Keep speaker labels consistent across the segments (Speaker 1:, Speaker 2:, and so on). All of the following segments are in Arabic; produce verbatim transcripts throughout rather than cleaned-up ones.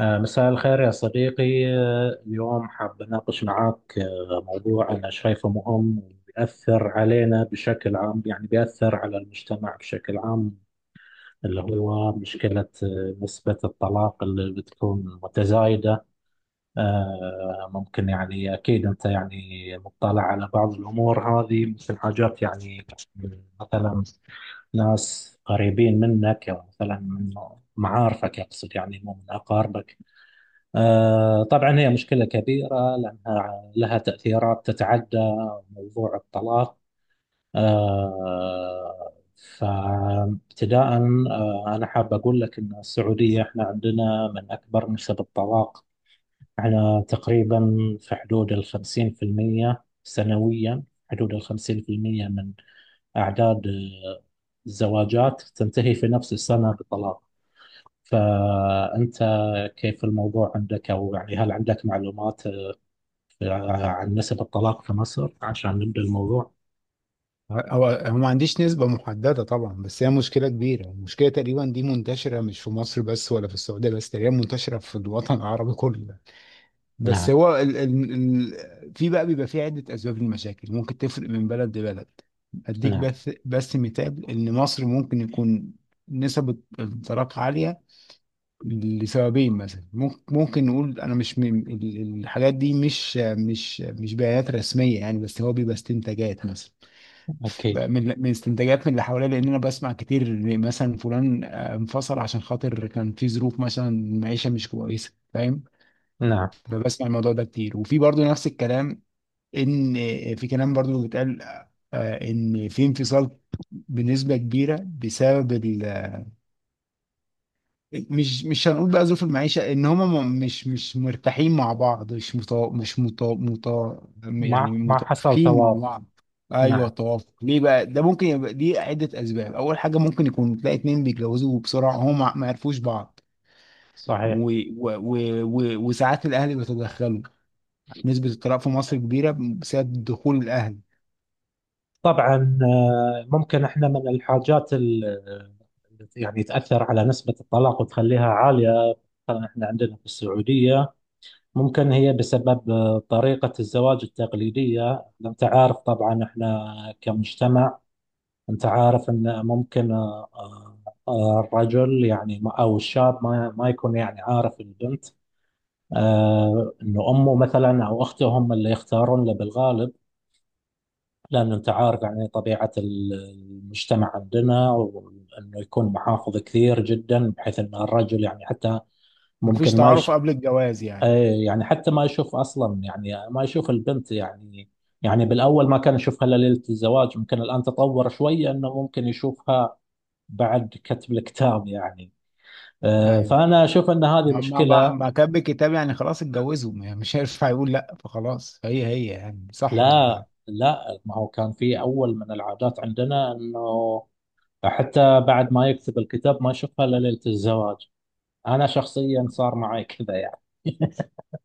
Speaker 1: آه، مساء الخير يا صديقي. آه، اليوم حاب أناقش معك آه، موضوع أنا شايفه مهم وبيأثر علينا بشكل عام، يعني بيأثر على المجتمع بشكل عام، اللي هو مشكلة آه، نسبة الطلاق اللي بتكون متزايدة. آه، ممكن يعني أكيد أنت يعني مطلع على بعض الأمور هذه، مثل حاجات يعني مثلا ناس قريبين منك، أو مثلا من معارفك، أقصد يعني مو من أقاربك. آه، طبعا هي مشكلة كبيرة، لأنها لها تأثيرات تتعدى موضوع الطلاق. آه، فابتداء آه، أنا حاب أقول لك أن السعودية إحنا عندنا من أكبر نسب الطلاق. إحنا تقريبا في حدود الخمسين في المية سنويا، حدود الخمسين في المية من أعداد آه، الزواجات تنتهي في نفس السنة بطلاق. فأنت كيف الموضوع عندك، أو يعني هل عندك معلومات آه، عن نسب الطلاق في مصر عشان نبدأ الموضوع؟
Speaker 2: هو هو ما عنديش نسبة محددة طبعا، بس هي مشكلة كبيرة. المشكلة تقريبا دي منتشرة مش في مصر بس ولا في السعودية بس، تقريبا منتشرة في الوطن العربي كله. بس
Speaker 1: نعم.
Speaker 2: هو ال ال ال في بقى بيبقى في عدة أسباب للمشاكل ممكن تفرق من بلد لبلد. أديك
Speaker 1: نعم.
Speaker 2: بس بس مثال إن مصر ممكن يكون نسب الطلاق عالية لسببين. مثلا ممكن ممكن نقول، أنا مش من ال- الحاجات دي مش مش مش بيانات رسمية يعني، بس هو بيبقى استنتاجات. مثلا
Speaker 1: أكيد.
Speaker 2: من من استنتاجات من اللي حواليا، لان انا بسمع كتير إن مثلا فلان آه، انفصل عشان خاطر كان في ظروف مثلا معيشه مش كويسه، فاهم؟
Speaker 1: نعم.
Speaker 2: فبسمع الموضوع ده كتير، وفي برضو نفس الكلام، ان في كلام برضو بيتقال آه، ان في انفصال بنسبه كبيره بسبب، مش مش هنقول بقى ظروف المعيشة، ان هما م- مش مش مرتاحين مع بعض، مش مطا مش مطا مطا يعني
Speaker 1: مع مع حصل
Speaker 2: متوافقين مع
Speaker 1: توافق.
Speaker 2: بعض. ايوه،
Speaker 1: نعم،
Speaker 2: توافق. ليه بقى ده؟ ممكن يبقى دي عدة اسباب. اول حاجة، ممكن يكون تلاقي اتنين بيتجوزوا بسرعة هما ما عرفوش بعض،
Speaker 1: صحيح.
Speaker 2: و... و... و... و... وساعات الاهل بيتدخلوا. نسبة الطلاق في مصر كبيرة بسبب دخول الاهل.
Speaker 1: طبعا، آه، ممكن احنا من الحاجات اللي يعني تأثر على نسبة الطلاق وتخليها عالية. مثلا احنا عندنا في السعودية ممكن هي بسبب آه، طريقة الزواج التقليدية. انت عارف طبعا احنا كمجتمع، أنت عارف أن ممكن آه، آه، آه، الرجل يعني ما- أو الشاب ما ما يكون يعني عارف البنت، آه، إنه أمه مثلا أو أخته هم اللي يختارون له بالغالب. لأن أنت عارف يعني طبيعة ال- المجتمع عندنا، وإنه يكون
Speaker 2: آه،
Speaker 1: محافظ كثير جدا، بحيث أن الرجل يعني حتى
Speaker 2: مفيش
Speaker 1: ممكن ما
Speaker 2: تعارف
Speaker 1: يش...
Speaker 2: قبل الجواز يعني.
Speaker 1: إيه، يعني حتى ما يشوف أصلا، يعني آه، ما يشوف البنت يعني، يعني بالأول ما كان يشوفها إلا ليلة الزواج. ممكن الآن تطور شوية أنه ممكن يشوفها بعد كتب الكتاب يعني. آه،
Speaker 2: ايوه،
Speaker 1: فأنا أشوف أن هذه
Speaker 2: ما ما
Speaker 1: مشكلة.
Speaker 2: ما كان بالكتاب يعني، خلاص اتجوزوا، يعني مش هينفع يقول لا، فخلاص هي هي يعني، صح ولا؟
Speaker 1: لا، لا، ما هو كان في أول من العادات عندنا أنه حتى بعد ما يكتب الكتاب ما يشوفها إلا ليلة الزواج. أنا شخصيا صار معي كذا يعني.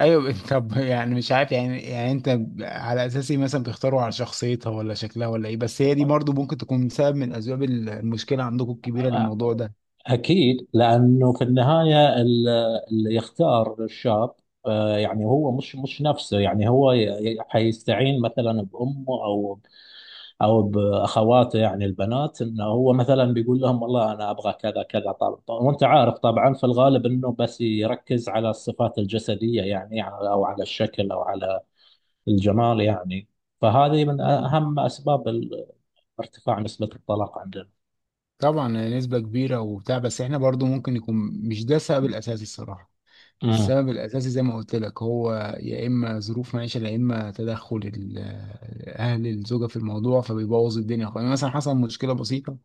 Speaker 2: ايوه طب يعني مش عارف يعني يعني انت على اساس ايه مثلا بتختاروا؟ على شخصيتها ولا شكلها ولا ايه؟ بس هي دي برضو ممكن تكون سبب من اسباب المشكله عندكم الكبيره للموضوع ده.
Speaker 1: أكيد، لأنه في النهاية ال- اللي يختار الشاب، آه، يعني هو مش مش نفسه، يعني هو ي- ي- حيستعين مثلا بأمه او او باخواته، يعني البنات، انه هو مثلا بيقول لهم والله انا ابغى كذا كذا. طبعا وانت عارف طبعا في الغالب انه بس يركز على الصفات الجسديه، يعني يعني او على الشكل او على الجمال يعني. فهذه من
Speaker 2: ايوه،
Speaker 1: اهم اسباب ال- ارتفاع نسبه الطلاق عندنا.
Speaker 2: طبعا نسبه كبيره وبتاع، بس احنا برضو ممكن يكون مش ده السبب الاساسي الصراحه.
Speaker 1: امم.
Speaker 2: السبب الأساسي زي ما قلت لك، هو يا إما ظروف معيشة، يا إما تدخل ال- أهل الزوجة في الموضوع، فبيبوظ الدنيا خالص. يعني مثلا حصل مشكلة بسيطة،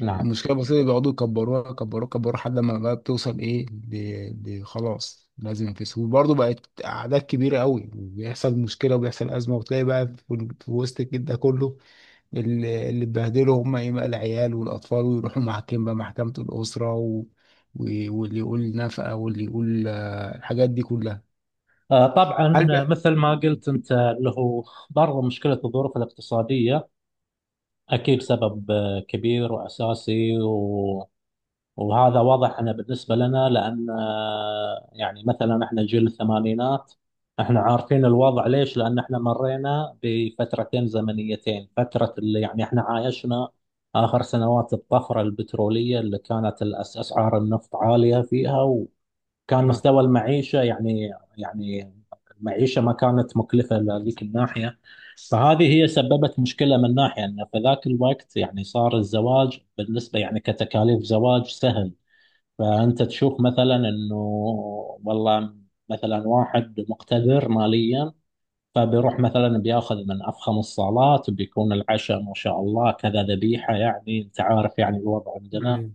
Speaker 1: نعم.
Speaker 2: المشكلة البسيطة دي بيقعدوا يكبروها يكبروها يكبروها لحد ما بقى بتوصل إيه؟ ل- ل- خلاص لازم ينفصل. وبرضه بقت أعداد كبيرة قوي، وبيحصل مشكلة وبيحصل أزمة، وتلاقي بقى في في وسط الجد ده كله اللي اللي اتبهدلوا هم ايه بقى؟ العيال والاطفال. ويروحوا محاكم بقى، محكمة الاسرة، و... و... واللي يقول نفقة واللي يقول آه، الحاجات دي كلها.
Speaker 1: آه، طبعا
Speaker 2: هل بقى؟
Speaker 1: مثل ما قلت انت اللي هو برضه مشكله الظروف الاقتصاديه، اكيد سبب آه، كبير واساسي. وهذا واضح أنا بالنسبة لنا، لأن آه، يعني مثلا احنا جيل الثمانينات، احنا عارفين الوضع ليش؟ لأن احنا مرينا بفترتين زمنيتين، فترة اللي يعني احنا عايشنا آخر سنوات الطفرة البترولية اللي كانت الأس- أسعار النفط عالية فيها، وكان
Speaker 2: اه
Speaker 1: مستوى المعيشة يعني، يعني المعيشة ما كانت مكلفة لذيك الناحية. فهذه هي سببت مشكلة من ناحية أن في ذاك الوقت يعني صار الزواج بالنسبة يعني كتكاليف زواج سهل. فأنت تشوف مثلا إنه والله مثلا واحد مقتدر ماليا، فبيروح مثلا بياخذ من أفخم الصالات، بيكون العشاء ما شاء الله كذا ذبيحة، يعني أنت عارف يعني الوضع عندنا.
Speaker 2: أيوة.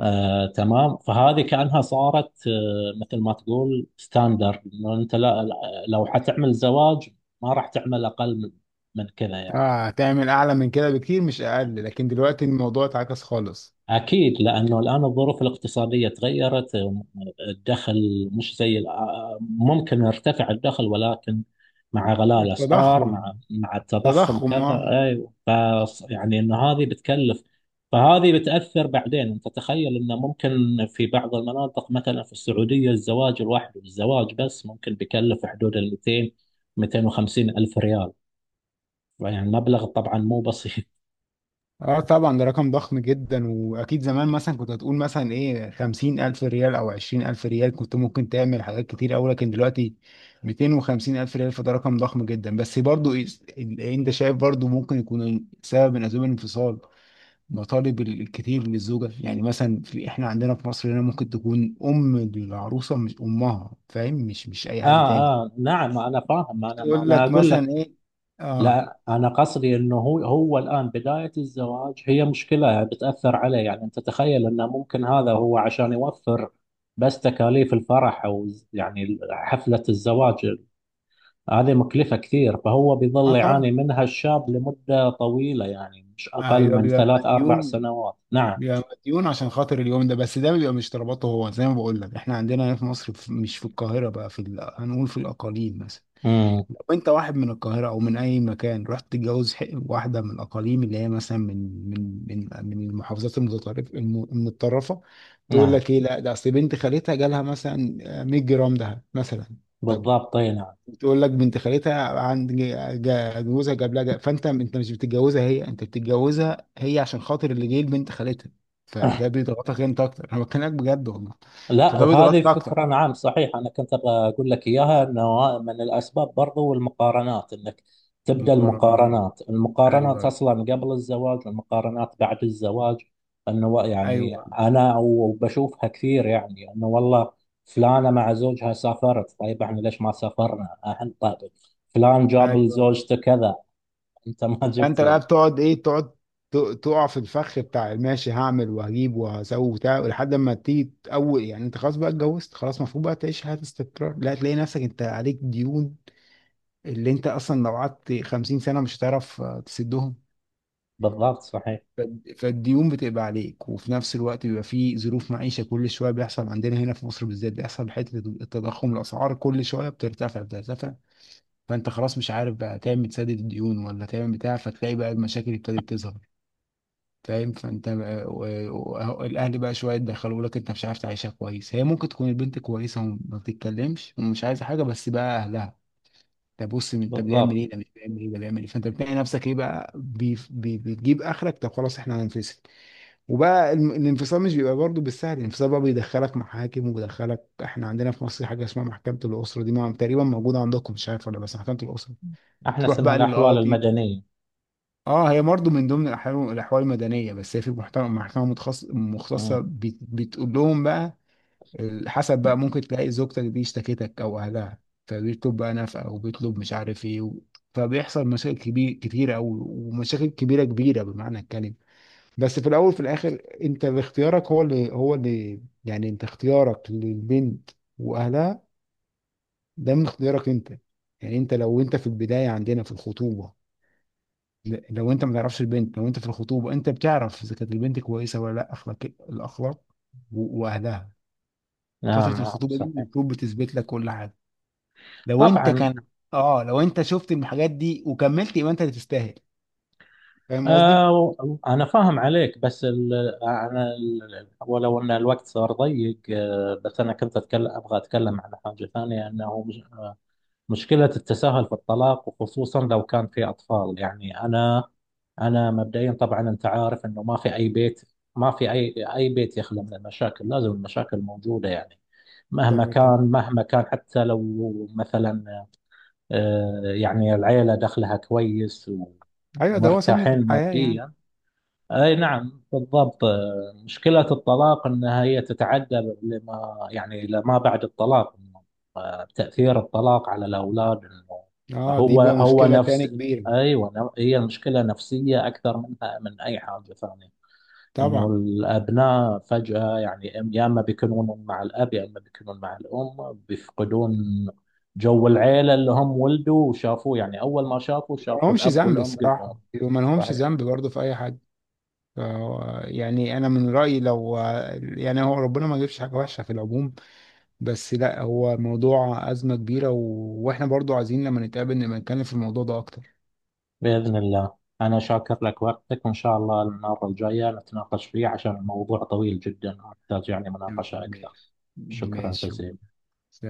Speaker 1: آه تمام، فهذه كأنها صارت آه مثل ما تقول ستاندرد، إنه أنت لا لا- لو حتعمل زواج ما راح تعمل أقل من من كذا يعني.
Speaker 2: اه، هتعمل اعلى من كده بكتير مش اقل، لكن دلوقتي الموضوع اتعكس خالص.
Speaker 1: أكيد، لأنه الآن الظروف الاقتصادية تغيرت. الدخل مش زي الآ- ممكن يرتفع الدخل، ولكن مع غلاء الأسعار،
Speaker 2: التضخم،
Speaker 1: مع مع التضخم
Speaker 2: تضخم،
Speaker 1: كذا،
Speaker 2: اه.
Speaker 1: أيوة، فص- يعني إن هذه بتكلف. فهذه بتأثر. بعدين أنت تخيل إنه ممكن في بعض المناطق مثلا في السعودية، الزواج الواحد، الزواج بس، ممكن بيكلف حدود ال مئتين مئتين وخمسين ألف ريال. يعني مبلغ طبعا مو بسيط.
Speaker 2: اه طبعا، ده رقم ضخم جدا. واكيد زمان مثلا كنت هتقول مثلا ايه، خمسين الف ريال او عشرين الف ريال، كنت ممكن تعمل حاجات كتير اوي. لكن دلوقتي ميتين وخمسين الف ريال، فده رقم ضخم جدا. بس برضو إيه- انت شايف برضو ممكن يكون سبب من اسباب الانفصال مطالب الكتير للزوجة. يعني مثلا في احنا عندنا في مصر هنا، ممكن تكون ام العروسة، مش امها فاهم، مش مش اي
Speaker 1: آه.
Speaker 2: حد تاني،
Speaker 1: آه نعم، أنا فاهم. أنا ما
Speaker 2: بتقول
Speaker 1: أنا
Speaker 2: لك
Speaker 1: أقول،
Speaker 2: مثلا ايه. اه.
Speaker 1: لا، أنا قصدي أنه هو هو الآن بداية الزواج هي مشكلة بتأثر عليه. يعني أنت تخيل أنه ممكن هذا هو عشان يوفر بس تكاليف الفرح أو ز- يعني حفلة الزواج، هذه مكلفة كثير، فهو
Speaker 2: اه
Speaker 1: بيظل يعاني
Speaker 2: طبعا،
Speaker 1: منها الشاب لمدة طويلة، يعني مش أقل
Speaker 2: ايوه،
Speaker 1: من
Speaker 2: بيبقى
Speaker 1: ثلاث أربع
Speaker 2: مديون.
Speaker 1: سنوات. نعم.
Speaker 2: بيبقى مديون عشان خاطر اليوم ده بس. ده بيبقى مش طلباته هو، زي ما بقول لك. احنا عندنا هنا في مصر، في مش في القاهرة بقى، في ال- هنقول في الأقاليم مثلا.
Speaker 1: امم.
Speaker 2: لو انت واحد من القاهرة او من اي مكان، رحت تتجوز ح- واحدة من الأقاليم، اللي هي مثلا من من من من المحافظات المتطرفة، الم- المتطرفة، تقول
Speaker 1: نعم.
Speaker 2: لك ايه؟ لا ده اصل بنت خالتها جالها مثلا 100 جرام دهب مثلا. طب.
Speaker 1: بالضبط أي نعم.
Speaker 2: بتقول لك بنت خالتها عند جا- جا- جوزها جاب لها جا- فانت انت مش بتتجوزها هي، انت بتتجوزها هي عشان خاطر اللي جاي لبنت خالتها، فده بيضغطك انت اكتر. انا بكلمك بجد والله،
Speaker 1: لا،
Speaker 2: فده
Speaker 1: وهذه
Speaker 2: بيضغطك اكتر.
Speaker 1: فكرة، نعم صحيح، أنا كنت أبغى أقول لك إياها، أنه من الأسباب برضو المقارنات، أنك تبدأ
Speaker 2: مقارنة،
Speaker 1: المقارنات، المقارنات
Speaker 2: ايوه،
Speaker 1: أصلا قبل الزواج، المقارنات بعد الزواج، أنه و- يعني
Speaker 2: ايوه،
Speaker 1: أنا وبشوفها كثير، يعني أنه والله فلانة مع زوجها سافرت، طيب إحنا ليش ما سافرنا أحنا؟ طيب فلان جاب
Speaker 2: ايوه.
Speaker 1: لزوجته كذا، أنت ما جبت
Speaker 2: فانت بقى
Speaker 1: لي.
Speaker 2: بتقعد ايه؟ تقعد ت- تقع في الفخ بتاع ماشي هعمل وهجيب وهسوي وبتاع، لحد ما تيجي اول، يعني انت خلاص بقى اتجوزت، خلاص المفروض بقى تعيش حياة استقرار. لا، تلاقي نفسك انت عليك ديون اللي انت اصلا لو قعدت خمسين سنة سنه مش هتعرف آه، تسدهم.
Speaker 1: بالضبط صحيح.
Speaker 2: فالد- فالديون بتبقى عليك، وفي نفس الوقت بيبقى في ظروف معيشه كل شويه بيحصل. عندنا هنا في مصر بالذات بيحصل حته التضخم، الاسعار كل شويه بترتفع بترتفع، فانت خلاص مش عارف بقى تعمل تسدد الديون ولا تعمل بتاع، فتلاقي بقى المشاكل ابتدت تظهر، فاهم؟ فانت بقى، و- و- أهو الاهل بقى شويه يدخلوا لك، انت مش عارف تعيشها كويس. هي ممكن تكون البنت كويسه وما بتتكلمش ومش عايزه حاجه، بس بقى اهلها ده بص، من- طب بيعمل
Speaker 1: بالضبط.
Speaker 2: ايه ده، مش بيعمل ايه ده، بيعمل ايه؟ فانت بتلاقي نفسك ايه بقى؟ بي بي بتجيب اخرك، طب خلاص احنا هننفصل. وبقى الم- الانفصال مش بيبقى برضه بالسهل. الانفصال بقى بيدخلك محاكم وبيدخلك، احنا عندنا في مصر حاجه اسمها محكمه الاسره دي، ما- تقريبا موجوده عندكم مش عارف ولا؟ بس محكمه الاسره
Speaker 1: إحنا
Speaker 2: تروح
Speaker 1: اسمها
Speaker 2: بقى
Speaker 1: الأحوال
Speaker 2: للقاضي.
Speaker 1: المدنية.
Speaker 2: اه هي برضه من ضمن الاحوال، الاحوال المدنيه، بس هي في محكمه محكمه متخصص-
Speaker 1: أمم،
Speaker 2: مختصه، بت- بتقول لهم بقى ال- حسب بقى، ممكن تلاقي زوجتك دي اشتكتك او اهلها، فبيطلب بقى نفقه، او بيطلب مش عارف ايه و... فبيحصل مشاكل كبير كتيره قوي، ومشاكل كبيره كبيره بمعنى الكلمه. بس في الاول وفي الاخر، انت باختيارك. هو اللي هو اللي يعني انت اختيارك للبنت واهلها، ده من اختيارك انت. يعني انت لو انت في البدايه، عندنا في الخطوبه، ل- لو انت ما تعرفش البنت، لو انت في الخطوبه انت بتعرف اذا كانت البنت كويسه ولا لا، اخلاق، الاخلاق، و- واهلها.
Speaker 1: نعم،
Speaker 2: فتره
Speaker 1: نعم
Speaker 2: الخطوبه دي
Speaker 1: صحيح،
Speaker 2: المفروض بتثبت لك كل حاجه. لو انت
Speaker 1: طبعا.
Speaker 2: كان اه لو انت شفت الحاجات دي وكملت، يبقى انت اللي تستاهل. فاهم قصدي؟
Speaker 1: آه أنا فاهم عليك، بس ال، أنا ال، ولو أن الوقت صار ضيق آه، بس أنا كنت أتكلم، أبغى أتكلم عن حاجة ثانية، أنه مش آه مشكلة التساهل في الطلاق، وخصوصا لو كان في أطفال. يعني أنا أنا مبدئيا طبعا، أنت عارف أنه ما في أي بيت، ما في أي أي بيت يخلى من المشاكل، لازم المشاكل موجودة يعني، مهما
Speaker 2: تمام
Speaker 1: كان،
Speaker 2: تمام.
Speaker 1: مهما كان، حتى لو مثلا آه يعني العيلة دخلها كويس و
Speaker 2: ايوه ده هو سنة
Speaker 1: مرتاحين
Speaker 2: الحياة يعني.
Speaker 1: ماديا. اي نعم بالضبط. مشكلة الطلاق انها هي تتعدى، لما يعني لما بعد الطلاق، آه، تأثير الطلاق على الاولاد إنه
Speaker 2: اه دي
Speaker 1: هو
Speaker 2: بقى
Speaker 1: هو
Speaker 2: مشكلة
Speaker 1: نفس
Speaker 2: تاني كبيرة.
Speaker 1: ايوه، نف- هي مشكلة نفسية اكثر منها من اي حاجة ثانية، انه
Speaker 2: طبعا،
Speaker 1: الابناء فجأة يعني إم- يا اما بيكونون مع الاب، يا اما بيكونون مع الام، بيفقدون جو العيلة اللي هم ولدوا وشافوه، يعني اول ما شافوا
Speaker 2: ما
Speaker 1: شافوا
Speaker 2: لهمش
Speaker 1: الاب
Speaker 2: ذنب
Speaker 1: والام قدامهم.
Speaker 2: الصراحة، وما لهمش
Speaker 1: صحيح.
Speaker 2: ذنب برضه في اي حاجة. ف- يعني انا من رأيي، لو يعني هو ربنا ما يجيبش حاجة وحشة في العموم، بس لا، هو موضوع أزمة كبيرة و... واحنا برضه عايزين لما نتقابل نبقى نتكلم في الموضوع ده اكتر.
Speaker 1: بإذن الله، أنا شاكر لك وقتك، وإن شاء الله المرة الجاية نتناقش فيه، عشان الموضوع طويل جدا ومحتاج يعني مناقشة أكثر.
Speaker 2: ماشي،
Speaker 1: شكرا
Speaker 2: ماشي.
Speaker 1: جزيلا.